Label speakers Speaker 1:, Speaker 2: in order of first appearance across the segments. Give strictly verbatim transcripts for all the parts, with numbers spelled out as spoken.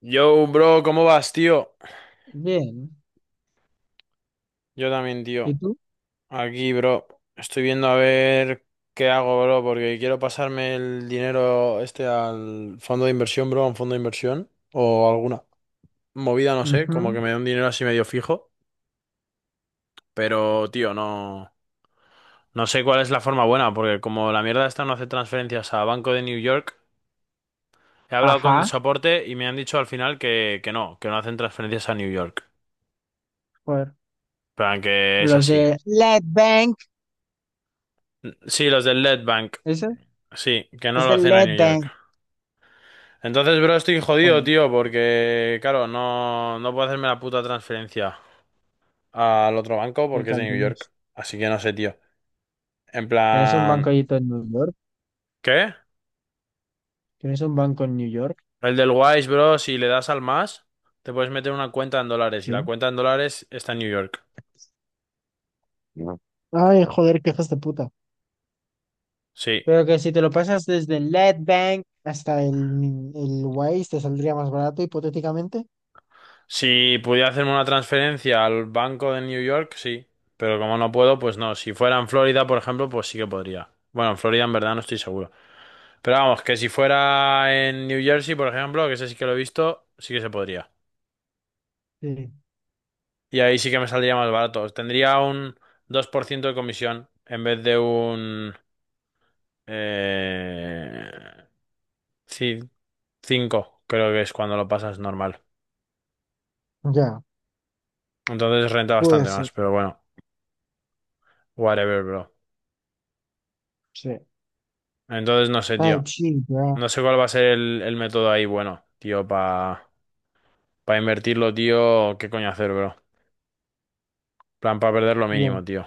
Speaker 1: Yo, bro, ¿cómo vas, tío?
Speaker 2: Bien.
Speaker 1: Yo también,
Speaker 2: ¿Y
Speaker 1: tío.
Speaker 2: tú?
Speaker 1: Aquí, bro. Estoy viendo a ver qué hago, bro, porque quiero pasarme el dinero este al fondo de inversión, bro, a un fondo de inversión o alguna movida, no sé, como que
Speaker 2: Ujú.
Speaker 1: me dé un dinero así medio fijo, pero, tío, no no sé cuál es la forma buena, porque como la mierda esta no hace transferencias a Banco de New York, he hablado con el
Speaker 2: Ajá.
Speaker 1: soporte y me han dicho al final que que no, que no hacen transferencias a New York.
Speaker 2: Joder.
Speaker 1: Pero que es
Speaker 2: Los
Speaker 1: así.
Speaker 2: de Lead Bank.
Speaker 1: Sí, los del Bank.
Speaker 2: ¿Eso?
Speaker 1: Sí, que no
Speaker 2: Es
Speaker 1: lo
Speaker 2: de
Speaker 1: hacen a
Speaker 2: Lead
Speaker 1: New York.
Speaker 2: Bank.
Speaker 1: Entonces, bro, estoy jodido,
Speaker 2: Joder,
Speaker 1: tío, porque, claro, no, no puedo hacerme la puta transferencia al otro banco
Speaker 2: qué
Speaker 1: porque es de New
Speaker 2: cabrones.
Speaker 1: York. Así que no sé, tío. En
Speaker 2: ¿Tienes un
Speaker 1: plan,
Speaker 2: banco ahí en New York?
Speaker 1: ¿qué?
Speaker 2: ¿Tienes un banco en New York?
Speaker 1: El del Wise, bro, si le das al más, te puedes meter una cuenta en dólares y la
Speaker 2: Sí.
Speaker 1: cuenta en dólares está en New York.
Speaker 2: No. Ay, joder, qué hijas de puta.
Speaker 1: Sí.
Speaker 2: Pero que si te lo pasas desde Lead Bank hasta el, el Wise te saldría más barato, hipotéticamente.
Speaker 1: Si pudiera hacerme una transferencia al banco de New York, sí. Pero como no puedo, pues no. Si fuera en Florida, por ejemplo, pues sí que podría. Bueno, en Florida en verdad no estoy seguro. Pero vamos, que si fuera en New Jersey, por ejemplo, que ese sí que lo he visto, sí que se podría.
Speaker 2: Sí.
Speaker 1: Y ahí sí que me saldría más barato. Tendría un dos por ciento de comisión en vez de un... Eh, sí, cinco, creo que es cuando lo pasas normal.
Speaker 2: Ya,
Speaker 1: Entonces renta
Speaker 2: puede
Speaker 1: bastante
Speaker 2: ser.
Speaker 1: más, pero bueno, whatever, bro.
Speaker 2: Sí.
Speaker 1: Entonces no sé,
Speaker 2: Ay,
Speaker 1: tío.
Speaker 2: sí, ya,
Speaker 1: No sé cuál va a ser el, el método ahí, bueno, tío, para pa pa invertirlo, tío. ¿Qué coño hacer, bro? Plan para perder lo
Speaker 2: ya.
Speaker 1: mínimo, tío.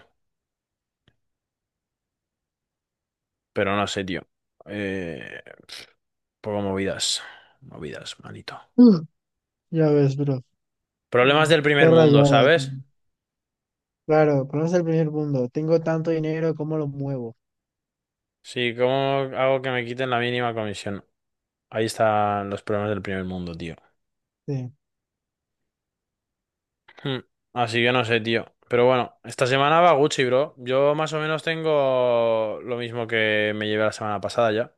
Speaker 1: Pero no sé, tío. Eh, Poco movidas. Movidas, manito.
Speaker 2: Uf, ya ves, bro. Mm,
Speaker 1: Problemas del primer
Speaker 2: Estoy
Speaker 1: mundo,
Speaker 2: rayado, tío.
Speaker 1: ¿sabes?
Speaker 2: Claro, conoce el primer mundo. Tengo tanto dinero, ¿cómo lo muevo?
Speaker 1: Sí, ¿cómo hago que me quiten la mínima comisión? Ahí están los problemas del primer mundo, tío.
Speaker 2: Sí.
Speaker 1: Hmm, Así que no sé, tío. Pero bueno, esta semana va Gucci, bro. Yo más o menos tengo lo mismo que me llevé la semana pasada ya.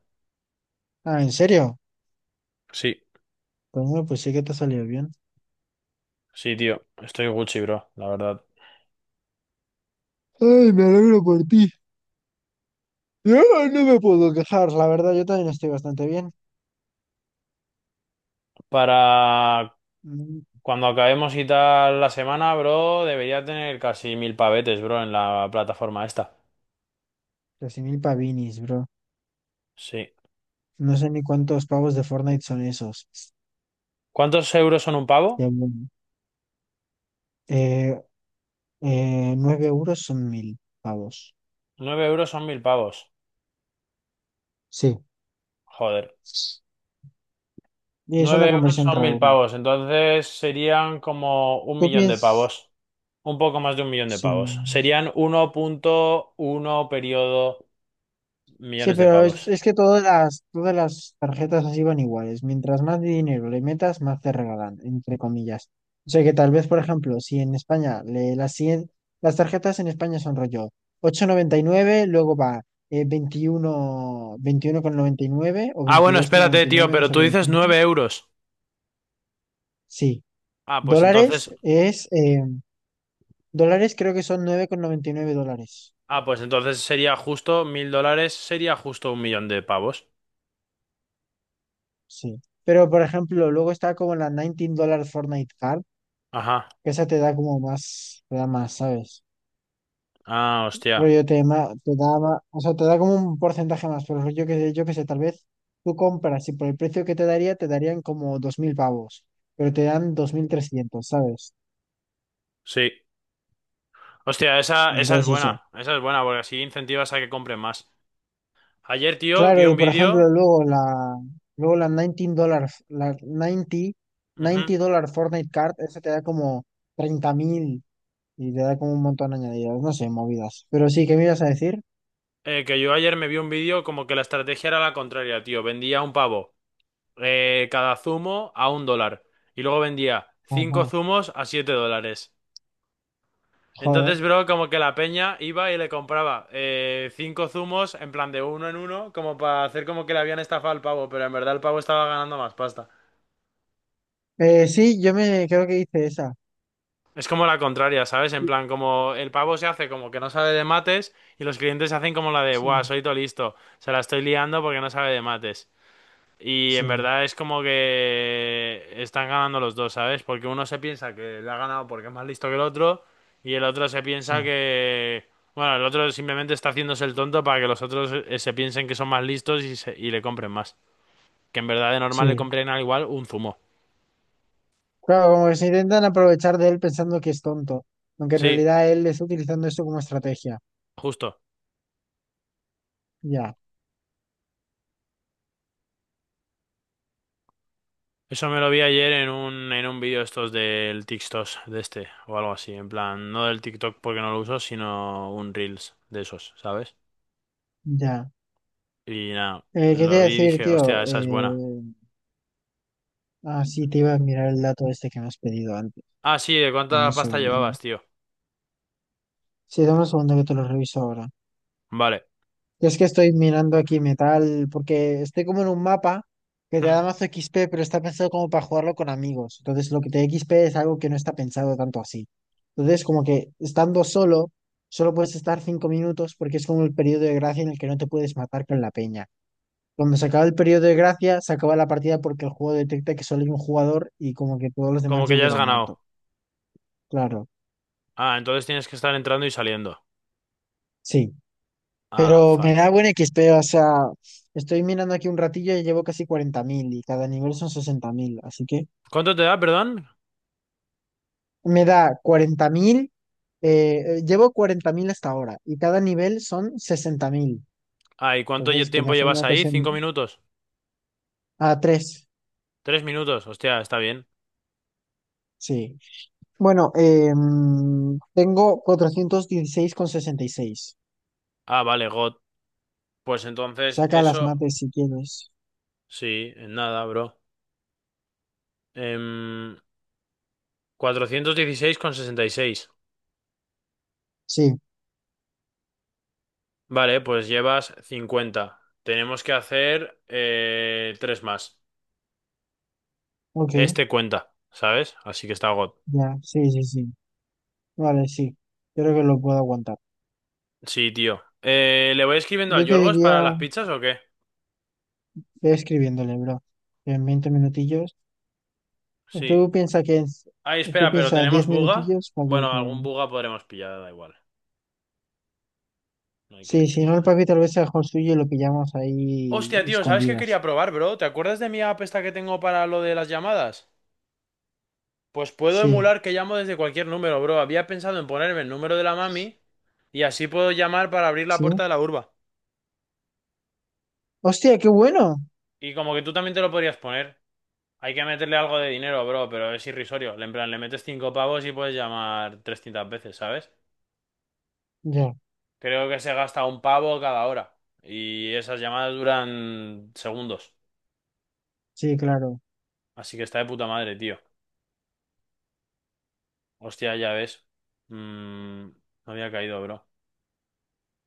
Speaker 2: Ah, ¿en serio?
Speaker 1: Sí,
Speaker 2: Bueno, pues sí que te salió bien.
Speaker 1: sí, tío. Estoy Gucci, bro, la verdad.
Speaker 2: Ay, me alegro por ti. No, no me puedo quejar, la verdad, yo también estoy bastante bien.
Speaker 1: Para
Speaker 2: Mm,
Speaker 1: cuando acabemos y tal la semana, bro, debería tener casi mil pavetes, bro, en la plataforma esta.
Speaker 2: Casi mil pavinis, bro.
Speaker 1: Sí.
Speaker 2: No sé ni cuántos pavos de Fortnite son esos.
Speaker 1: ¿Cuántos euros son un pavo?
Speaker 2: Ya, bueno. Eh, eh, nueve euros son mil pavos.
Speaker 1: Nueve euros son mil pavos.
Speaker 2: Sí.
Speaker 1: Joder.
Speaker 2: Y es
Speaker 1: Nueve
Speaker 2: una
Speaker 1: euros
Speaker 2: conversión
Speaker 1: son
Speaker 2: rara
Speaker 1: mil
Speaker 2: una.
Speaker 1: pavos. Entonces serían como un
Speaker 2: ¿Tú
Speaker 1: millón de
Speaker 2: piensas?
Speaker 1: pavos. Un poco más de un millón de
Speaker 2: Sí.
Speaker 1: pavos. Serían uno punto uno periodo
Speaker 2: Sí,
Speaker 1: millones de
Speaker 2: pero es,
Speaker 1: pavos.
Speaker 2: es que todas las, todas las tarjetas así van iguales. Mientras más dinero le metas, más te regalan, entre comillas. O sea que tal vez, por ejemplo, si en España le, las, cien- las tarjetas en España son rollo ocho coma noventa y nueve, luego va eh, veintiuno, veintiuno coma noventa y nueve o
Speaker 1: Ah, bueno,
Speaker 2: veintidós coma
Speaker 1: espérate,
Speaker 2: noventa y
Speaker 1: tío,
Speaker 2: nueve no
Speaker 1: pero tú
Speaker 2: sabría
Speaker 1: dices
Speaker 2: decirte.
Speaker 1: nueve euros.
Speaker 2: Sí,
Speaker 1: Ah, pues entonces.
Speaker 2: dólares es, eh, dólares creo que son nueve coma noventa y nueve dólares.
Speaker 1: Ah, pues entonces sería justo mil dólares. Sería justo un millón de pavos.
Speaker 2: Sí. Pero, por ejemplo, luego está como la diecinueve Fortnite Card,
Speaker 1: Ajá.
Speaker 2: que esa te da como más, te da más, ¿sabes?
Speaker 1: Ah, hostia.
Speaker 2: Rollo te, ma- te da más, o sea, te da como un porcentaje más, pero yo que sé, yo que sé, tal vez tú compras y por el precio que te daría, te darían como dos mil pavos, pero te dan dos mil trescientos, ¿sabes?
Speaker 1: Sí. Hostia, esa, esa es
Speaker 2: Entonces eso.
Speaker 1: buena. Esa es buena, porque así incentivas a que compren más. Ayer, tío, vi
Speaker 2: Claro, y
Speaker 1: un
Speaker 2: por
Speaker 1: vídeo.
Speaker 2: ejemplo, luego la, luego la diecinueve dólar, la 90,
Speaker 1: Ujú.
Speaker 2: 90 dólar Fortnite Card, esa te da como treinta mil y te da como un montón añadido, no sé, movidas. Pero sí, ¿qué me ibas a decir?
Speaker 1: Eh, que yo ayer me vi un vídeo como que la estrategia era la contraria, tío. Vendía un pavo eh, cada zumo a un dólar. Y luego vendía cinco
Speaker 2: Ajá.
Speaker 1: zumos a siete dólares.
Speaker 2: Joder.
Speaker 1: Entonces, bro, como que la peña iba y le compraba eh, cinco zumos en plan de uno en uno, como para hacer como que le habían estafado al pavo, pero en verdad el pavo estaba ganando más pasta.
Speaker 2: Eh, sí, yo me creo que hice esa.
Speaker 1: Es como la contraria, ¿sabes? En
Speaker 2: Sí,
Speaker 1: plan, como el pavo se hace como que no sabe de mates y los clientes se hacen como la de,
Speaker 2: sí,
Speaker 1: buah, soy todo listo, se la estoy liando porque no sabe de mates. Y en
Speaker 2: sí,
Speaker 1: verdad es como que están ganando los dos, ¿sabes? Porque uno se piensa que le ha ganado porque es más listo que el otro y el otro se piensa
Speaker 2: sí,
Speaker 1: que... Bueno, el otro simplemente está haciéndose el tonto para que los otros eh, se piensen que son más listos y, se- y le compren más. Que en verdad de normal le
Speaker 2: sí.
Speaker 1: compren al igual un zumo.
Speaker 2: Claro, como que se intentan aprovechar de él pensando que es tonto, aunque en
Speaker 1: Sí,
Speaker 2: realidad él está utilizando esto como estrategia.
Speaker 1: justo.
Speaker 2: Ya,
Speaker 1: Eso me lo vi ayer en un, en un vídeo estos del TikTok de este o algo así. En plan, no del TikTok porque no lo uso, sino un Reels de esos, ¿sabes?
Speaker 2: ya.
Speaker 1: Y nada,
Speaker 2: Eh, ¿qué te
Speaker 1: lo
Speaker 2: iba a
Speaker 1: vi y
Speaker 2: decir,
Speaker 1: dije, hostia,
Speaker 2: tío?
Speaker 1: esa es
Speaker 2: Eh,
Speaker 1: buena.
Speaker 2: ah, sí, te iba a mirar el dato este que me has pedido antes.
Speaker 1: Ah, sí, ¿de
Speaker 2: Dame
Speaker 1: cuánta
Speaker 2: un
Speaker 1: pasta
Speaker 2: segundo.
Speaker 1: llevabas, tío?
Speaker 2: Sí, dame un segundo que te lo reviso ahora.
Speaker 1: Vale.
Speaker 2: Yo es que estoy mirando aquí metal, porque estoy como en un mapa que te
Speaker 1: Hmm.
Speaker 2: da mazo X P, pero está pensado como para jugarlo con amigos. Entonces, lo que te da X P es algo que no está pensado tanto así. Entonces, como que estando solo, solo puedes estar cinco minutos porque es como el periodo de gracia en el que no te puedes matar con la peña. Cuando se acaba el periodo de gracia, se acaba la partida porque el juego detecta que solo hay un jugador y como que todos los demás
Speaker 1: Como
Speaker 2: ya
Speaker 1: que ya has
Speaker 2: hubieron muerto.
Speaker 1: ganado.
Speaker 2: Claro,
Speaker 1: Ah, entonces tienes que estar entrando y saliendo.
Speaker 2: sí.
Speaker 1: Ah,
Speaker 2: Pero me
Speaker 1: fuck.
Speaker 2: da buen X P, o sea, estoy mirando aquí un ratillo y llevo casi cuarenta mil y cada nivel son sesenta mil, así que
Speaker 1: ¿Cuánto te da, perdón?
Speaker 2: me da cuarenta mil, eh, eh, llevo cuarenta mil hasta ahora y cada nivel son sesenta mil,
Speaker 1: Ah, ¿y cuánto lle-
Speaker 2: entonces que me
Speaker 1: tiempo
Speaker 2: ha
Speaker 1: llevas
Speaker 2: frenado
Speaker 1: ahí?
Speaker 2: casi
Speaker 1: ¿Cinco
Speaker 2: en-
Speaker 1: minutos?
Speaker 2: a tres,
Speaker 1: ¿Tres minutos? Hostia, está bien.
Speaker 2: sí. Bueno, em, tengo cuatrocientos dieciséis con sesenta y seis.
Speaker 1: Ah, vale, God. Pues entonces,
Speaker 2: Saca las
Speaker 1: eso...
Speaker 2: mates si quieres.
Speaker 1: Sí, en nada, bro. Em... cuatrocientos dieciséis con sesenta y seis.
Speaker 2: Sí,
Speaker 1: Vale, pues llevas cincuenta. Tenemos que hacer eh, tres más.
Speaker 2: ok,
Speaker 1: Este cuenta, ¿sabes? Así que está God.
Speaker 2: ya, sí, sí, sí, vale, sí, creo que lo puedo aguantar.
Speaker 1: Sí, tío. Eh, ¿le voy escribiendo al
Speaker 2: Yo te
Speaker 1: Yorgos
Speaker 2: diría.
Speaker 1: para las pizzas o qué?
Speaker 2: Ve escribiéndole, bro. En veinte minutillos.
Speaker 1: Sí.
Speaker 2: Tú piensas que es-
Speaker 1: Ay,
Speaker 2: tú
Speaker 1: espera, pero
Speaker 2: piensas diez
Speaker 1: ¿tenemos buga?
Speaker 2: minutillos para que
Speaker 1: Bueno,
Speaker 2: te.
Speaker 1: algún buga podremos pillar, da igual. No hay que
Speaker 2: Sí,
Speaker 1: decir
Speaker 2: si no el
Speaker 1: nada.
Speaker 2: papi tal vez sea mejor suyo y lo pillamos
Speaker 1: Hostia,
Speaker 2: ahí
Speaker 1: tío, ¿sabes qué quería
Speaker 2: escondidas.
Speaker 1: probar, bro? ¿Te acuerdas de mi app esta que tengo para lo de las llamadas? Pues puedo
Speaker 2: Sí,
Speaker 1: emular que llamo desde cualquier número, bro. Había pensado en ponerme el número de la mami y así puedo llamar para abrir la puerta
Speaker 2: sí.
Speaker 1: de la urba.
Speaker 2: ¡Hostia, qué bueno!
Speaker 1: Y como que tú también te lo podrías poner. Hay que meterle algo de dinero, bro, pero es irrisorio. En plan, le metes cinco pavos y puedes llamar trescientas veces, ¿sabes?
Speaker 2: Ya,
Speaker 1: Creo que se gasta un pavo cada hora. Y esas llamadas duran segundos.
Speaker 2: sí, claro,
Speaker 1: Así que está de puta madre, tío. Hostia, ya ves. Mm, no había caído, bro.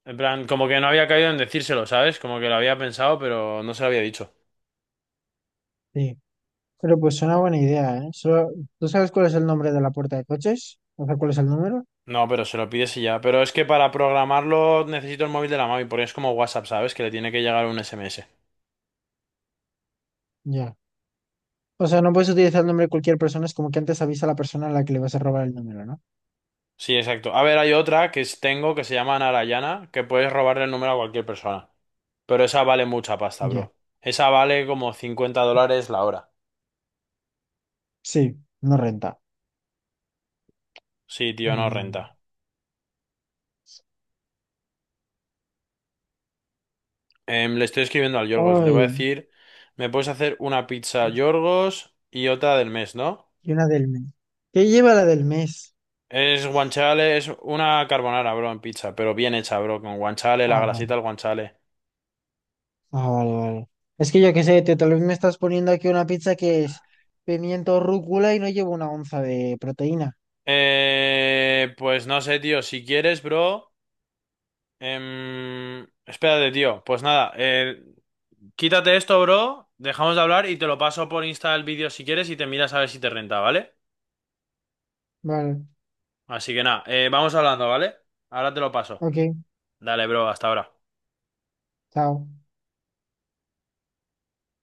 Speaker 1: En plan, como que no había caído en decírselo, ¿sabes? Como que lo había pensado, pero no se lo había dicho.
Speaker 2: sí. Pero pues es una buena idea, ¿eh? Solo- ¿Tú sabes cuál es el nombre de la puerta de coches? O sea, ¿cuál es el número?
Speaker 1: No, pero se lo pides y ya. Pero es que para programarlo necesito el móvil de la mami, porque es como WhatsApp, ¿sabes? Que le tiene que llegar un S M S.
Speaker 2: Ya. O sea, no puedes utilizar el nombre de cualquier persona, es como que antes avisa a la persona a la que le vas a robar el número, ¿no?
Speaker 1: Sí, exacto. A ver, hay otra que es- tengo que se llama Narayana, que puedes robarle el número a cualquier persona. Pero esa vale mucha pasta,
Speaker 2: Ya.
Speaker 1: bro. Esa vale como cincuenta dólares la hora.
Speaker 2: Sí, no renta.
Speaker 1: Sí, tío, no renta.
Speaker 2: Mm.
Speaker 1: Em, le estoy escribiendo al Yorgos. Le voy
Speaker 2: Ay,
Speaker 1: a decir, me puedes hacer una pizza Yorgos y otra del mes, ¿no?
Speaker 2: y una del mes. ¿Qué lleva la del mes?
Speaker 1: Es guanciale, es una carbonara, bro, en pizza, pero bien hecha, bro, con guanciale, la
Speaker 2: Ah,
Speaker 1: grasita
Speaker 2: vale.
Speaker 1: del guanciale.
Speaker 2: Ah, vale, vale. Es que yo qué sé, tío, tal vez me estás poniendo aquí una pizza que es pimiento rúcula y no lleva una onza de proteína.
Speaker 1: Eh, pues no sé, tío, si quieres, bro. em, espérate, tío. Pues nada, eh, quítate esto, bro. Dejamos de hablar y te lo paso por Insta el vídeo si quieres y te miras a ver si te renta, ¿vale?
Speaker 2: Vale,
Speaker 1: Así que nada, eh, vamos hablando, ¿vale? Ahora te lo paso.
Speaker 2: ok,
Speaker 1: Dale, bro, hasta ahora.
Speaker 2: chao.